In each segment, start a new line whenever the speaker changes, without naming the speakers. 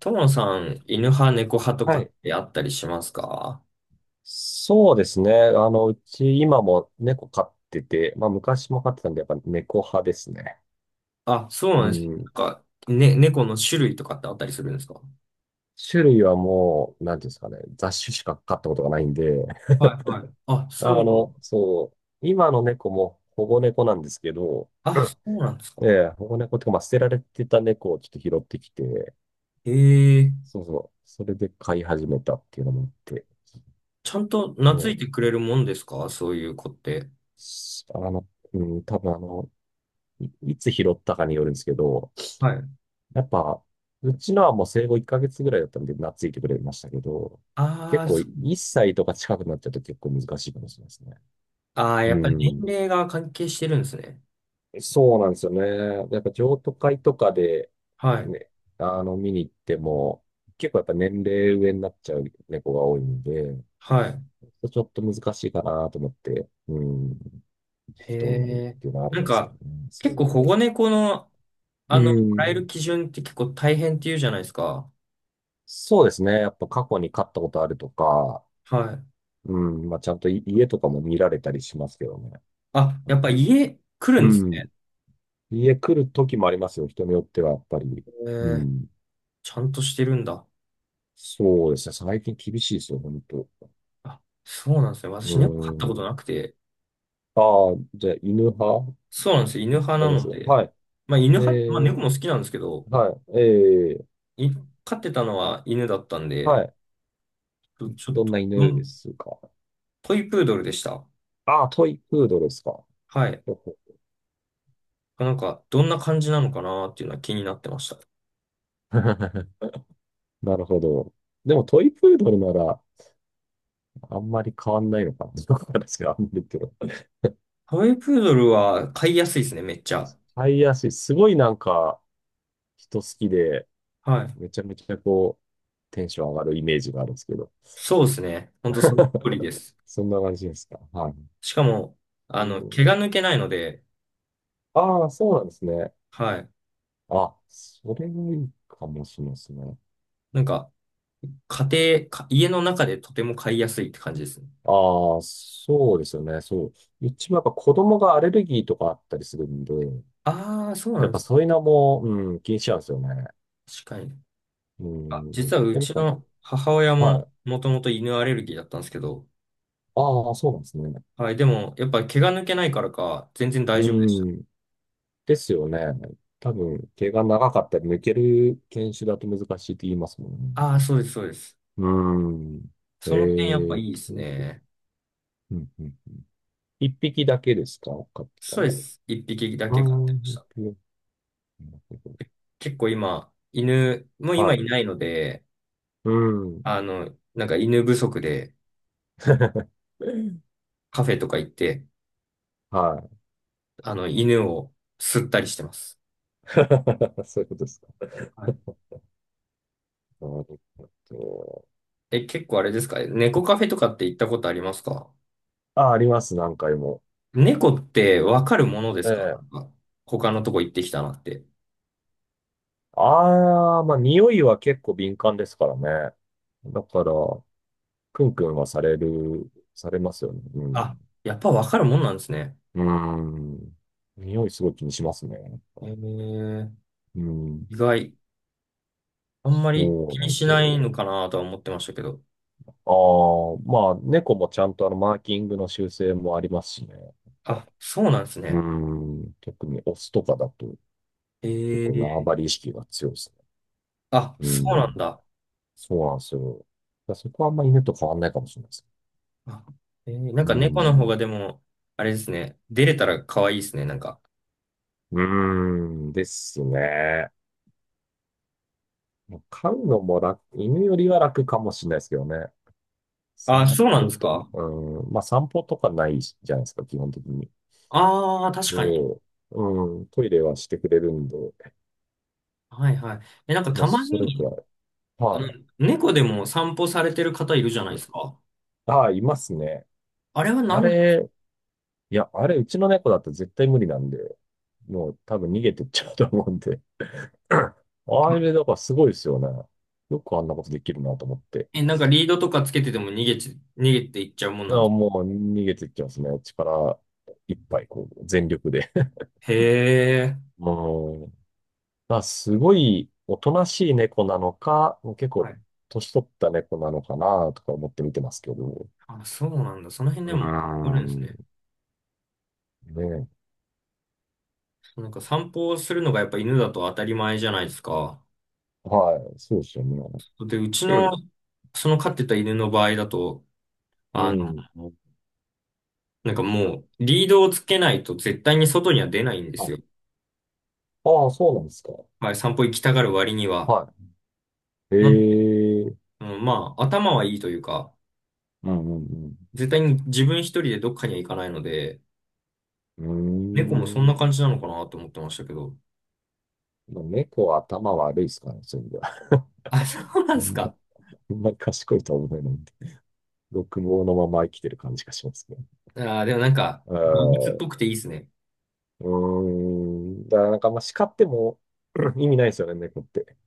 ともさん、犬派、猫派とか
は
っ
い。
てあったりしますか？
そうですね。うち今も猫飼ってて、まあ昔も飼ってたんで、やっぱ猫派ですね。
あ、そう
う
なんです。な
ん。
んか、ね、猫の種類とかってあったりするんですか？
種類はもう、なんていうんですかね、雑種しか飼ったことがないんで、
はいはい。あ、そうなん、
そう、今の猫も保護猫なんですけど、
あ、そうなんです
え
か。
え、保護猫っていうか、まあ捨てられてた猫をちょっと拾ってきて、
へえ、
そうそう、それで飼い始めたっていうのもあって、
ちゃんと懐い
も
てく
う、
れるもんですかそういう子って。
しあの、うん、多分いいつ拾ったかによるんですけど、
はい。
やっぱ、うちのはもう生後1ヶ月ぐらいだったんで、懐いてくれましたけど、
あ
結
あ、
構
そう、
1歳とか近くなっちゃうと結構難しいかもしれないですね。
ああ、
う
やっぱり年
ん。
齢が関係してるんですね。
そうなんですよね。やっぱ譲渡会とかで、
はい。
ね、見に行っても、結構やっぱ年齢上になっちゃう猫が多いんで、
はい。
ちょっと難しいかなと思って、うん、
へ
人になる
え。
っていうのはあり
なん
ますけど
か、
ね。そう
結
い
構
う。
保護猫の、
う
もらえる
ん。
基準って結構大変って言うじゃないですか。
そうですね。やっぱ過去に飼ったことあるとか、
はい。
うん、まあ、ちゃんとい家とかも見られたりしますけどね。
あ、やっぱ家来る
う
んです
ん。
ね。
家来る時もありますよ。人によっては、やっぱり。う
えー、
ん。
ちゃんとしてるんだ。
そうですね。最近厳しいですよ、本当。
あ、そうなんですね。
う
私猫飼ったこと
ん。
なくて。
ああ、じゃあ、犬派
そうなんですよ。犬派
な
な
ります
の
よ。
で。
はい。
まあ犬
え
派、まあ
ー、
猫も好きなんですけど、
はい。
い、飼ってたのは犬だったん
は
で、
い。
ちょちょっ
どん
と、
な
ど
犬で
ん、
すか？
トイプードルでした。
ああ、トイプードルですか。
はい。
ほほ
なんか、どんな感じなのかなっていうのは気になってました。
なるほど。でもトイプードルなら、あんまり変わんないのかな。どうなんですか、あんまりけど。
トイプードルは飼いやすいですね、めっちゃ。
タイヤし、すごいなんか人好きで、
はい。
めちゃめちゃこう、テンション上がるイメージがあるんですけど。
そうですね。ほんとそっくりで す。
そんな感じですか。はい。
しかも、
う
毛
ん、
が抜けないので、
ああ、そうなんですね。
はい。
あ、それがいいかもしれないですね。
なんか、家庭、か家の中でとても買いやすいって感じですね。
ああ、そうですよね。そう。うちもやっぱ子供がアレルギーとかあったりするんで、
ああ、そうな
やっ
ん
ぱ
で
そういうのも、うん、気にしちゃうんですよね。
す。確かに。
う
あ、
ん。
実はう
やっ
ち
ぱ、
の母親
は
も
い。
もともと犬アレルギーだったんですけど、
ああ、そうなんですね。
はい、でもやっぱ毛が抜けないからか、全然大
う
丈夫でした。
ん。ですよね。多分、毛が長かったり、抜ける犬種だと難しいって言いますもんね。
ああ、そうです、そうです。
うーん。え
その点やっぱいいです
う
ね。
んうん。一匹だけですか飼ってた
そうで
のは。
す。一匹だ
う
け飼っ
ー
て
ん、
まし
一
た。
匹
結構今、犬、もう
は
今
い。
いないので、
うーん。
なんか犬不足で カフェとか行って、
はい。
犬を吸ったりしてます。
そういうことですか。
はい、
なるほど。
え、結構あれですか猫カフェとかって行ったことありますか？
あ、あります、何回も。
猫ってわかるもので
え
すかなん
え。
か他のとこ行ってきたなって。
ああ、まあ、匂いは結構敏感ですからね。だから、クンクンはされますよね。う
あ、
ん。
やっぱわかるもんなんですね。
うん。匂いすごい気にしますね。なん
え
か
ー、
うん。
意外。あんまり
そう
気
な
に
んで
し
す
ない
よ。
のかなとは思ってましたけど。
ああ、まあ、猫もちゃんとマーキングの修正もありますしね。やっぱ
あ、そうなんです
う
ね。
ん。特にオスとかだと
え
結構縄
ー、
張り意識が強いですね。
あ、
う
そうなん
ん。
だ。
そうなんですよ。だからそこはあんまり犬と変わんないかもしれないです。
あ、えー、なん
う
か猫の方
ん。
がでも、あれですね。出れたら可愛いですね、なんか。
うーん。ですね。飼うのも楽、犬よりは楽かもしれないですけどね。
あ、
散
そうなんで
歩
す
と、
か？
うん、まあ散歩とかないじゃないですか、基本的に。
ああ確
で、
かに。
うん、トイレはしてくれるんで、
はいはい。え、なんか
もう
たま
それく
に、
らい。
あ
は
の、
い。
猫でも散歩されてる方いるじゃない
う
です
ん
か。
ああ、いますね。
あれは何
あ
なんですか？
れ、いや、あれ、うちの猫だと絶対無理なんで、もう多分逃げてっちゃうと思うんで。あれ、だからすごいですよね。よくあんなことできるなと思って。
え、なんかリードとかつけてても逃げていっちゃうもんなん
あ
で
あ、
すか？
もう逃げてっちゃいますね。力いっぱい、こう、全力で。
へえ。
うんまあ、すごいおとなしい猫なのか、結
は
構
い。
年取った猫なのかなとか思って見てますけど。
あ、そうなんだ。その辺
う
で
ー
もあるんですね。
ん。ね
なんか散歩をするのがやっぱ犬だと当たり前じゃないですか。
はい。そうですよね。
で、うち
う
の、
ん。
その飼ってた犬の場合だと、
う
あ
ん
の、なんかもうリードをつけないと絶対に外には出ないんです
あ、
よ。
ああ、そうなんですか。
はい、散歩行きたがる割には。
はい。
なんで、
ええ。
うん、まあ、頭はいいというか、
うんうん
絶対に自分一人でどっかには行かないので、
う
猫も
ん
そ
う
ん
ーん。
な感じな
そ
のか
う。
なと思ってましたけど。
猫は頭悪いですからね、そういう意味では。
あ、そ
あんま
うなんですか。
あんまり賢いとは思えないんで。六毛のまま生きてる感じがしますね。
あー、でもなんか、
う
動物っ
ん
ぽくていいですね。
うーん。だからなんか、まあ、叱っても 意味ないですよね、猫って。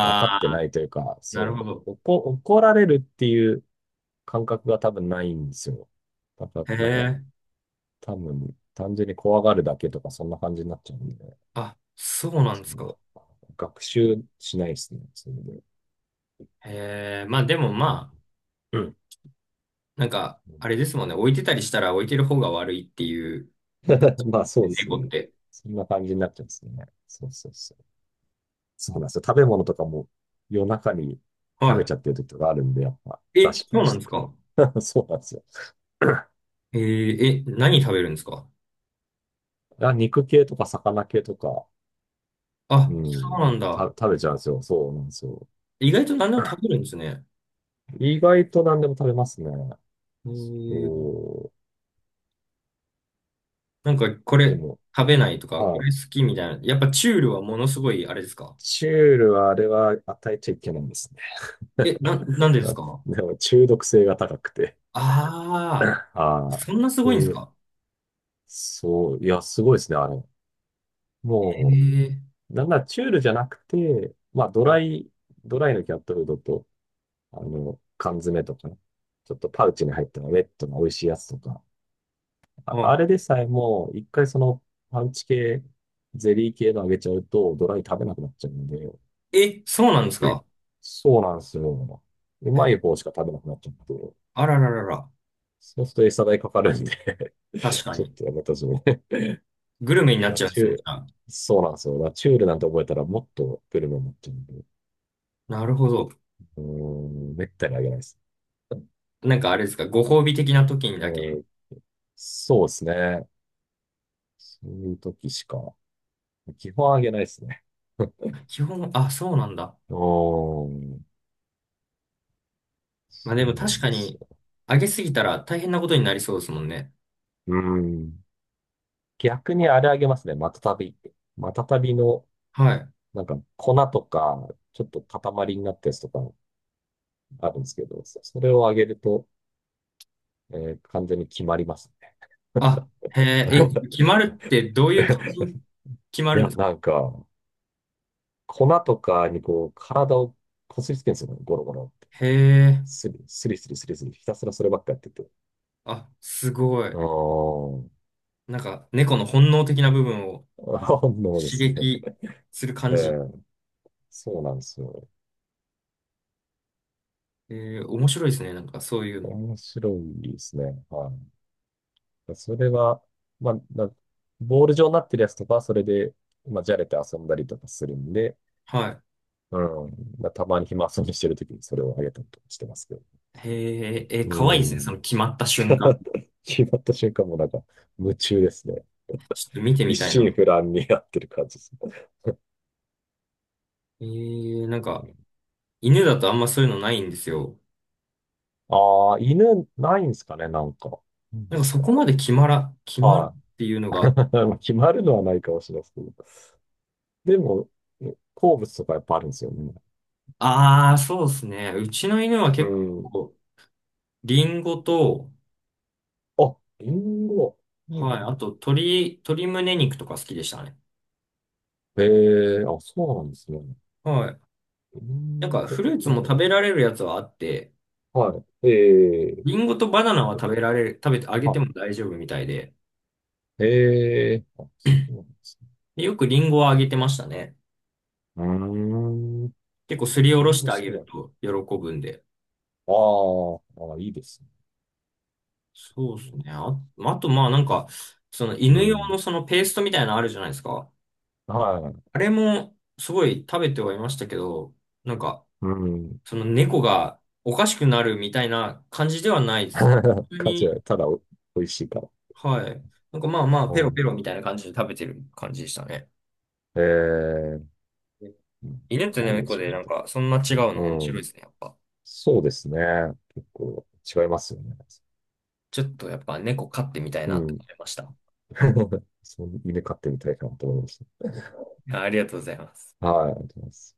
分かって
あ、
ないというか、
なるほ
そ
ど。
う、怒られるっていう感覚が多分ないんですよ。だから、
へ
なんか、
え。
多分、単純に怖がるだけとか、そんな感じになっちゃうんで、
あ、そうなんで
そ
すか。
の、学習しないですね、それで。
へえ。まあでもまあ、
うん。
なんか、あれですもんね。置いてたりしたら置いてる方が悪いっていう、
まあ、そうです
猫っ
ね。
て。
そんな感じになっちゃうんですね。そうそうそう。そうなんですよ。食べ物とかも夜中に食べ
は
ちゃってる時とかあるんで、やっぱ
い。
出
え、
しっぱ
そう
に
な
し
んで
と
す
くと。
か。
そうなんですよ。
えー、え、何食べるんですか。
あ、肉系とか魚系とか、う
あ、そう
ん、
なんだ。
食べちゃうんですよ。そうなんですよ。
意外と何でも食べるん ですね。
意外と何でも食べますね。
へえ。
お
なんか、こ
で
れ
も、
食べないとか、こ
あ、
れ好きみたいな。やっぱチュールはものすごい、あれですか？
チュールはあれは与えちゃいけないんですね。
え、なん でです
あ
か？
でも中毒性が高くて。
ああ
あ
ー、
あ、
そんなすごいんです
で、
か？
そう、いや、すごいですね、あれ。も
ええ
う、なんならチュールじゃなくて、まあ、
ー。
ドライのキャットフードと、缶詰とかね、ちょっとパウチに入ったウェットの美味しいやつとか、あ、あれ
あ、
でさえも、一回そのパウチ系、ゼリー系のあげちゃうと、ドライ食べなくなっちゃうんで、
え、そうなんです
うん
か？
そうなんですよ。う
え、
まい方しか食べなくなっちゃって、
あらららら。
そうすると餌代かかるんで
確 か
ちょっ
に。
とやめたしね。
グルメに なっ
ナ
ちゃうんで
チュ
す
ー
ね。じ
ル、
ゃあ、
そうなんですよ。ナチュールなんて覚えたらもっとグルメになっちゃうんで、
なるほど。
うーん、めったにあげないです。う
なんかあれですか、ご褒美的な時にだけ。
ん、そうですね。そういう時しか、基本あげないですね。
基本、あ、そうなんだ。
おー、
まあ
そ
で
う
も
な
確
ん
か
です
に、
よ。
上げすぎたら大変なことになりそうですもんね。
うん。逆にあれあげますね。マタタビ。マタタビの、
はい。
なんか粉とか、ちょっと塊になったやつとかあるんですけど、それをあげると、完全に決まりますね。
あ、へえ、え、決まるってどういう感じ に決ま
い
るん
や、
です
な
か？
んか、粉とかにこう、体をこすりつけるんですよね。ゴロゴロって。
へえ、
スリスリスリスリスリ、ひたすらそればっかやってて。
あ、すご
う
い。
ん。
なんか、猫の本能的な部分を
あので
刺
すね。
激する感
え
じ。
え、そうなんですよ。
えー、面白いですね。なんか、そういうの。
面白いですね。はい。それは、まあ、ボール状になってるやつとかは、それで、まあ、じゃれて遊んだりとかするんで、
はい。
うん。まあたまに暇遊びしてるときにそれをあげたりとかしてますけど。
へえ、えー、可
う
愛いですね。そ
ん。
の決まった瞬間。
決まった瞬間もなんか、夢中ですね。
ちょっと見て
一
みたい
心
な。
不乱にやってる感じです
えー、なんか、
ね。
犬だとあんまそういうのないんですよ。
ああ、犬ないんですかね、なんか。う
なんか、
ん
そこまで決まら、決まる
はい。
っていうのが。
決まるのはないかもしれないですけど。でも、好物とかやっぱあるんですよね。
ああ、そうですね。うちの犬は
う
結
ん。
構、リンゴと、
あ、リンゴ。うん
はい、
う
あ
ん
と、鶏胸肉とか好きでしたね。
ええあ、そうなんですね。
はい。
リ
なん
ン
かフ
ゴ
ルーツも食べられるやつはあって、
か。はい。え
リ
え
ンゴとバナナは食べられる、食べてあげて
あ、
も大丈夫みたいで、
ええあ、そうなんですね。
で、よくリンゴはあげてましたね。
うーん。
結構すりお
リ
ろ
ンゴ
し
好
てあげ
きな
る
の。
と喜ぶんで。
あーあ、いいですね。
そうですね。あ、あとまあなんか、その
う
犬用
ん。
のそのペーストみたいなのあるじゃないですか。
はい。
あれもすごい食べてはいましたけど、なんか、
うん。
その猫がおかしくなるみたいな感じではないです。普通
価値
に、
は、ただお、美味しいから。
はい。なんかまあまあ、
う
ペロペ
ん。
ロみたいな感じで食べてる感じでしたね。
ええうん
犬と
ないで
猫
しょう
でな
ね、
ん
と。
かそんな違うの面
う
白い
ん。
ですね、やっぱ。
そうですね。結構違いますよね。
ちょっとやっぱ猫飼ってみたい
う
なって
ん。
思いました。
そう、犬飼ってみたいかなと思いまし
ありがとうございます。
た。はい、ありがとうございます。